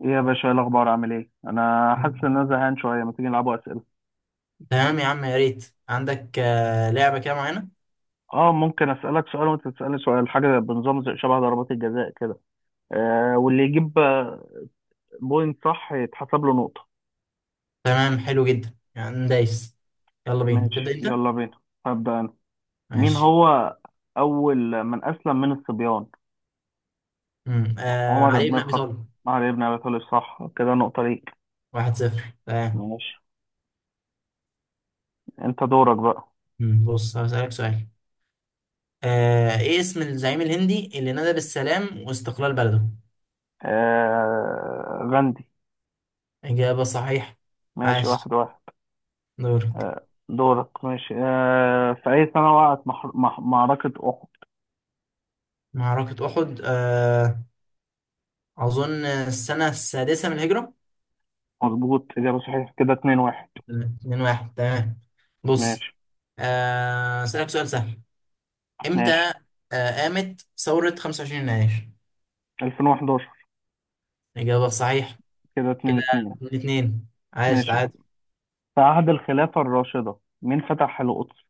ايه يا باشا، ايه الاخبار؟ عامل ايه؟ انا حاسس مم. ان انا زهقان شويه. ما تيجي نلعبوا اسئله؟ تمام يا عم، يا ريت عندك لعبة كده معينة. اه، ممكن اسالك سؤال وانت تسالني سؤال، حاجه بنظام زي شبه ضربات الجزاء كده. واللي يجيب بوينت، صح، يتحسب له نقطه. تمام حلو جدا يعني دايس. يلا بينا تبدأ ماشي، انت. يلا بينا. هبدا انا. مين ماشي. هو اول من اسلم من الصبيان؟ مم. عمر علي بن بن ابي الخطاب. طالب. علي بن ابي طالب، صح. كده نقطه ليك. 1-0، تمام. ماشي. انت دورك بقى. مم. بص هسألك سؤال. ايه اسم الزعيم الهندي اللي نادى بالسلام واستقلال بلده؟ غاندي. إجابة صحيحة. ماشي، عاش. واحد واحد. دورك. دورك. ماشي. في أي سنة وقعت معركة أحد؟ معركة أحد، أظن السنة السادسة من الهجرة. مظبوط، إجابة صحيحة. كده 2-1. 2-1، تمام. بص، ماشي، أسألك سؤال سهل. امتى ماشي. قامت ثورة 25 يناير؟ 2011. الإجابة الصحيحة. كده كده 2-2. الاثنين. عاش، ماشي. تعادل. في عهد الخلافة الراشدة، مين فتح القدس؟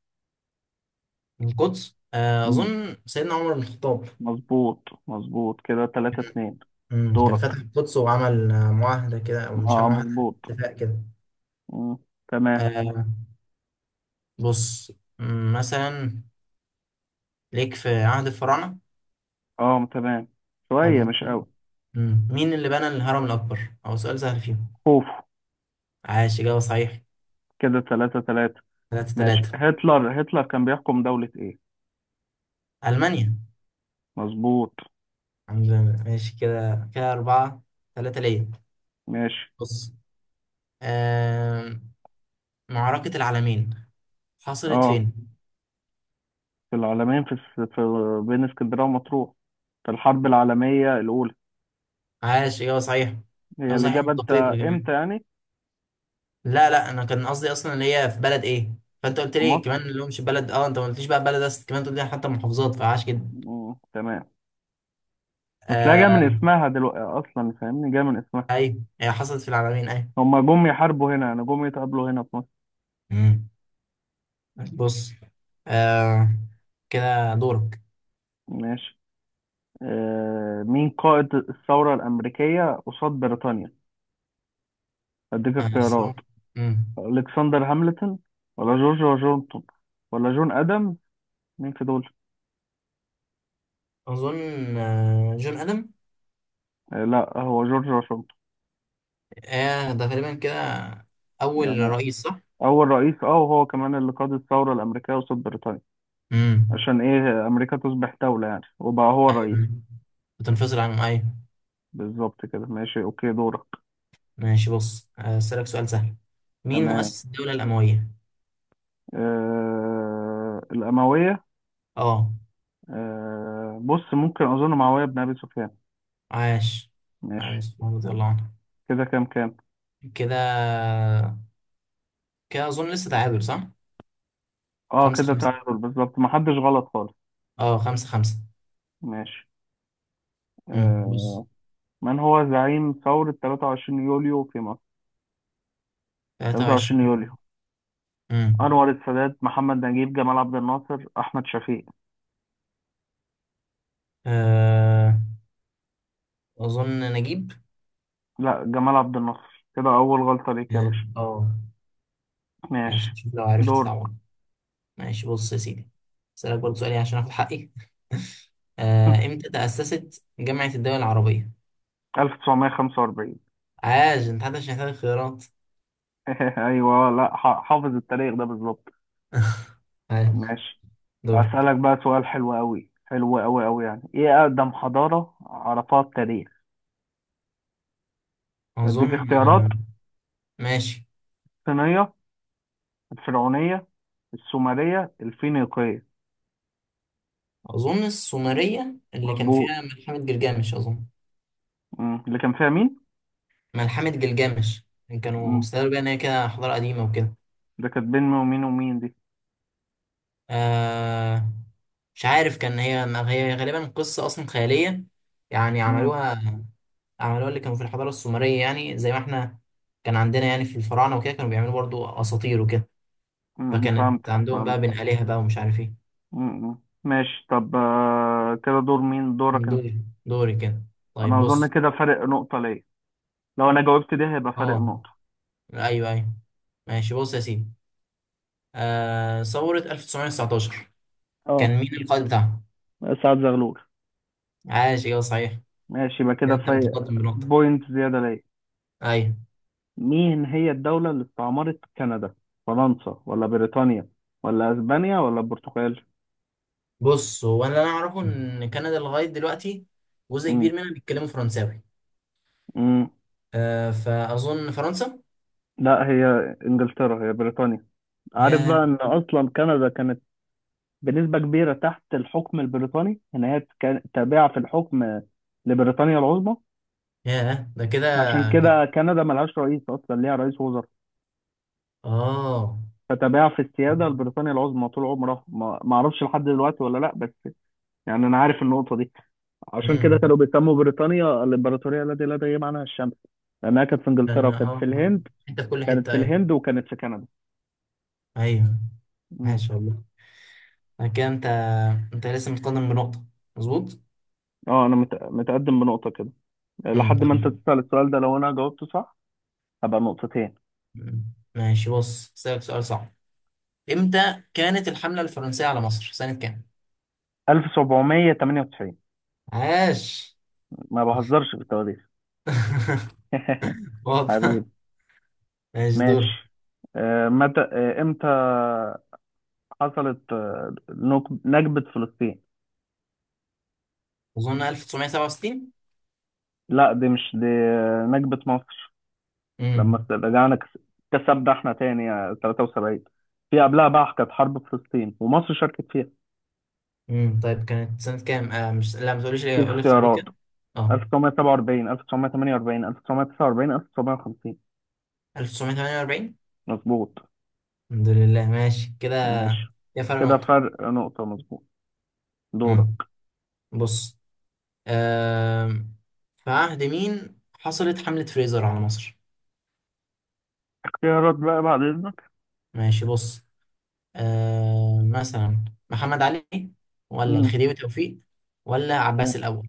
القدس، مم، أظن سيدنا عمر بن الخطاب. مظبوط. مظبوط، كده 3-2. كان دورك. فتح القدس وعمل معاهدة كده، أو مش اه، معاهدة، مظبوط. اتفاق كده. مم، تمام. آه، بص. مثلا ليك في عهد الفراعنة. اه، تمام، طب شوية مش قوي. مين اللي بنى الهرم الأكبر؟ أو سؤال سهل فيهم. خوف. عاش، إجابة صحيحة. كده 3-3. ثلاثة ماشي. ثلاثة هتلر، هتلر كان بيحكم دولة ايه؟ ألمانيا. مظبوط. الحمد لله، ماشي، كده كده 4-3 ليا. ماشي. بص، آم، معركة العالمين حصلت اه، فين؟ في العالمين، في بين اسكندرية ومطروح، في الحرب العالمية الأولى. عاش، ايوه صحيح. هي ايوه صحيح الإجابة، أنت. بالدقيق يا جماعة. إمتى يعني؟ لا لا، انا كان قصدي اصلا اللي هي في بلد ايه؟ فانت قلت في لي كمان مصر. اللي هو مش بلد، انت ما قلتليش بقى بلد، بس كمان قلت لي حتى محافظات، فعاش جدا. مم. تمام. بس لا، جاية من آه اسمها دلوقتي أصلا، فاهمني، جاية من اسمها. ايوه، هي حصلت في العالمين، ايوه. هما جم يحاربوا هنا، يعني جم يتقابلوا هنا في مصر. مم. بص، آه كده دورك. ماشي. مين قائد الثورة الأمريكية قصاد بريطانيا؟ أديك آه بس هو- اختيارات. مم. ألكسندر هاملتون، ولا جورج واشنطن، ولا جون آدمز، مين في دول؟ اظن جون ادم. لا، هو جورج واشنطن. ده تقريبا كده اول يعني رئيس، صح؟ أول رئيس، وهو كمان اللي قاد الثورة الأمريكية قصاد بريطانيا. مم. عشان إيه أمريكا تصبح دولة يعني، وبقى هو الرئيس. ايوه، بتنفصل عن، ايوه. بالظبط كده. ماشي، أوكي، دورك. ماشي، بص هسألك سؤال سهل. مين تمام. مؤسس الدولة الأموية؟ الأموية. اه. بص، ممكن أظن معاوية بن أبي سفيان. عاش. عاش ماشي. مسعود رضي الله عنه. كده كام كام؟ كده كده أظن لسه تعادل، صح؟ أه، خمسة كده خمسة تعادل بالظبط، محدش غلط خالص. اه، 5-5. ماشي. بص. آه من هو زعيم ثورة 23 يوليو في مصر؟ تلاتة 23 وعشرين يوليو: امم أنور السادات، محمد نجيب، جمال عبد الناصر، أحمد شفيق؟ آه، أظن نجيب. لا، جمال عبد الناصر. كده أول غلطة ليك يا اه. باشا. آه. ماشي. ماشي، شوف لو عرفت دورك. طبعا. ماشي، بص يا سيدي، أسألك برضه سؤالي عشان آخد حقي. إمتى تأسست جامعة الدول العربية؟ 1945. عاش، انت حتى مش محتاج خيارات. أيوه، لا، حافظ التاريخ ده بالظبط. عاش. ماشي. دورك. أسألك بقى سؤال حلو أوي، حلو أوي أوي يعني، إيه أقدم حضارة عرفها التاريخ؟ اظن. أديك اختيارات. ماشي. الصينية، الفرعونية، السومرية، الفينيقية؟ اظن السومرية اللي كان مظبوط. فيها ملحمة جلجامش، اظن. مم. اللي كان فيها مين؟ ملحمة جلجامش، يعني كانوا مم. استدلوا بيها ان هي كده حضارة قديمة وكده. ده كانت بين مين ومين ومين دي؟ آه مش عارف، كان هي، ما هي غالبا قصة اصلا خيالية، يعني مم. عملوها. عملوها اللي كانوا في الحضارة السومرية، يعني زي ما احنا كان عندنا، يعني في الفراعنة وكده، كانوا بيعملوا برضو اساطير وكده. فكانت فهمتك، عندهم فهمت. بقى بين آلهة بقى، ومش عارف ايه. مم. مم. ماشي. طب كده دور مين؟ دورك. دوري دوري كده. طيب انا اظن بص. كده فرق نقطة ليا. لو انا جاوبت دي هيبقى فرق اه، نقطة. ايوه ايوه. ماشي، بص يا سيدي. ثورة 1919، اه، كان مين القائد بتاعها؟ سعد زغلول. عاش، ايوه صحيح. ماشي، يبقى كده كده انت فرق. متقدم بنقطة. بوينت زيادة ليا. ايوه. مين هي الدولة اللي استعمرت كندا؟ فرنسا ولا بريطانيا، ولا اسبانيا ولا البرتغال؟ بص، هو انا اللي انا اعرفه ان كندا لغاية دلوقتي جزء امم كبير منها بيتكلموا فرنساوي. امم فاظن فرنسا. لا، هي انجلترا، هي بريطانيا. عارف ياه. بقى ان اصلا كندا كانت بنسبة كبيرة تحت الحكم البريطاني، ان هي كانت تابعة في الحكم لبريطانيا العظمى. ياه ده كده. عشان كده كندا ملهاش رئيس، اصلا ليها رئيس وزراء. اه. فتباع في السياده لبريطانيا العظمى طول عمرها، ما اعرفش لحد دلوقتي ولا لا بس. يعني انا عارف النقطه دي. عشان كده امم. كانوا بيسموا بريطانيا الامبراطوريه التي لا تغيب عنها الشمس. لانها كانت في انجلترا، لان وكانت في الهند. حتة في كل كانت حتة. في ايوه. الهند، وكانت في كندا. ايوه مم. عاش والله. كده انت لسه متقدم بنقطة، مظبوط؟ اه، انا متقدم بنقطه كده. لحد ما انت امم تسال السؤال ده، لو انا جاوبته صح هبقى نقطتين. مم. ماشي، بص اسألك سؤال صعب. امتى كانت الحملة الفرنسية على مصر، سنة كام؟ 1798. عاش. ما بهزرش في التواريخ. حبيبي. واضح. ماشي، دور. ماشي. متى امتى حصلت نكبة فلسطين؟ اظن 1967. لا، دي مش دي، نكبة مصر. لما امم رجعنا كسبنا احنا تاني، 73. في قبلها بقى كانت حرب فلسطين، ومصر شاركت فيها. طيب كانت سنة كام؟ آه مش لا، ما تقوليش في ليه، قول لي اختيارات اختيارات. كده. اه، 1947، 1948، 1949، 1950؟ 1948. مظبوط. الحمد لله، ماشي كده. ماشي، يا فرق كده نقطة. فرق نقطة، مظبوط. امم دورك. بص، آم، في عهد مين حصلت حملة فريزر على مصر؟ اختيارات بقى بعد إذنك. ماشي، بص، مثلا محمد علي، ولا مم. الخديوي توفيق، ولا عباس إيه. الأول؟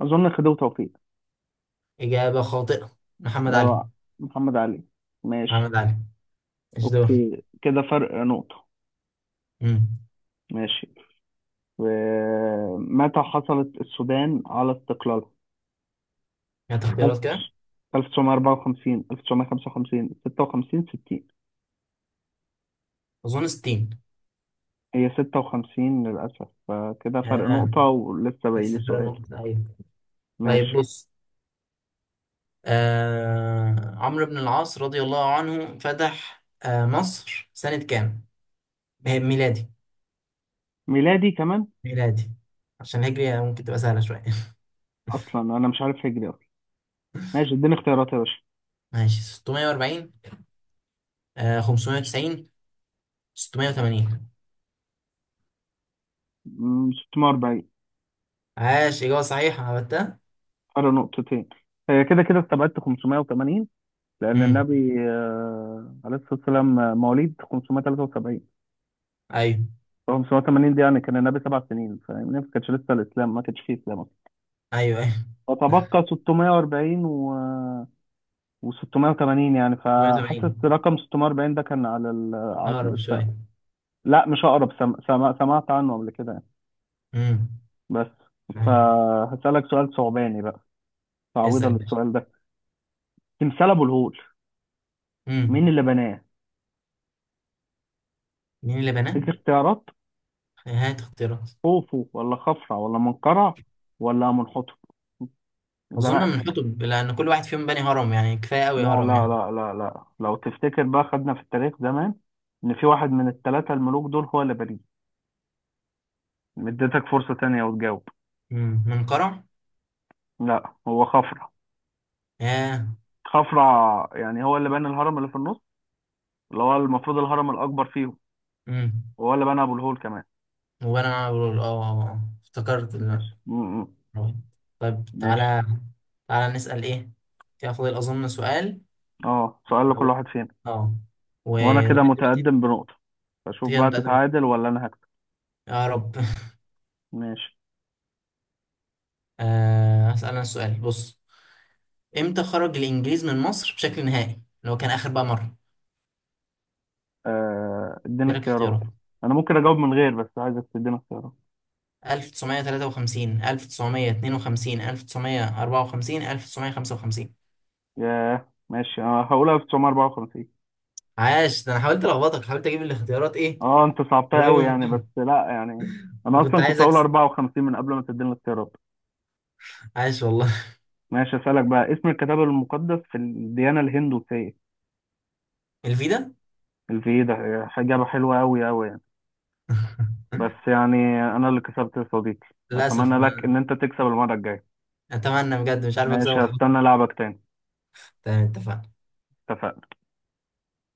أظن خديوي توفيق. إجابة خاطئة، محمد ده علي. محمد علي. ماشي، محمد علي، ايش دور. أوكي، كده فرق نقطة. امم ماشي. ومتى حصلت السودان على استقلالها؟ هات اختيارات كده. 1954، 1955، 56، 60؟ أظن 60. هي 56 للأسف. فكده فرق آه نقطة، ولسه باقي لي لسه فرق سؤال. نقطة، أيوة. طيب ماشي. بص، عمرو بن العاص رضي الله عنه فتح مصر سنة كام؟ ميلادي. ميلادي كمان. ميلادي، عشان الهجري ممكن تبقى سهلة شوية. أصلا أنا مش عارف هجري أصلا. ماشي، اديني اختيارات يا باشا. ماشي، 640، 590، 680. 640. عاش، إجابة صحيحة، عملتها. فرق نقطتين. هي كده كده استبعدت 580، لأن امم النبي، عليه الصلاة والسلام، مواليد 573. ايوه هو 580 دي يعني كان النبي 7 سنين، فاهمني، ما كانش لسه الاسلام، ما كانش فيه اسلام اصلا. ايوه ايوه، فتبقى 640 و680 يعني، فحاسس 88 رقم 640 ده كان على على اقرب السقف. شويه. لا، مش اقرب، سمعت عنه قبل كده يعني، امم بس. أيوة. فهسألك سؤال ثعباني بقى، اسال تعويضا يا باشا. للسؤال ده. تمثال ابو الهول، مين امم اللي بناه؟ مين اللي بناه؟ اديك اختيارات. هات اختيارات. خوفو، ولا خفرع، ولا منقرع، ولا منحوتة؟ اظن من زنقتك. حطب، لان كل واحد فيهم بني هرم، يعني كفايه قوي لا هرم لا يعني. لا لا لا، لو تفتكر بقى، خدنا في التاريخ زمان ان في واحد من الثلاثة الملوك دول هو اللي بريء. اديتك فرصة تانية وتجاوب. منقرع. لا، هو خفرع. ياه. خفرع يعني هو اللي بنى الهرم اللي في النص، اللي هو المفروض الهرم الأكبر فيهم. امم وهو اللي بنى أبو الهول كمان. وانا بقول افتكرت. ماشي. م- م. طيب ماشي. تعالى، تعالى نسال ايه، كده فاضل اظن سؤال. اه، سؤال لكل لو- واحد فينا. اه وانا ولغايه كده دلوقتي. متقدم بنقطة. فشوف هي بقى متقدمه، تتعادل ولا انا هكسب. يا رب. ماشي. هسأل أنا السؤال، بص. امتى خرج الانجليز من مصر بشكل نهائي؟ اللي هو كان اخر بقى مره. اديني دي لك اختيارات. اختيارات. انا ممكن اجاوب من غير، بس عايزك تديني اختيارات. 1953، 1952، 1954، 1955. ياه، ماشي. انا هقولها 1954. عاش. ده انا حاولت الخبطك، حاولت اجيب الاختيارات ايه، اه، انت صعبتها قريبه قوي من يعني، بس بعض. لا يعني. انا كنت اصلا كنت عايز هقول اكسب. 54 من قبل ما تديني الاختيارات. عاش والله. ماشي، اسالك بقى، اسم الكتاب المقدس في الديانه الهندوسيه؟ الفيدا. الفيدا. هي اجابه حلوه قوي قوي يعني، بس يعني، انا اللي كسبت يا صديقي. اتمنى للاسف، لك ما. ان انت تكسب المره الجايه. اتمنى بجد، مش عارف ماشي، اكسبك خالص. هستنى لعبك تاني. تمام، اتفقنا. اتفقنا.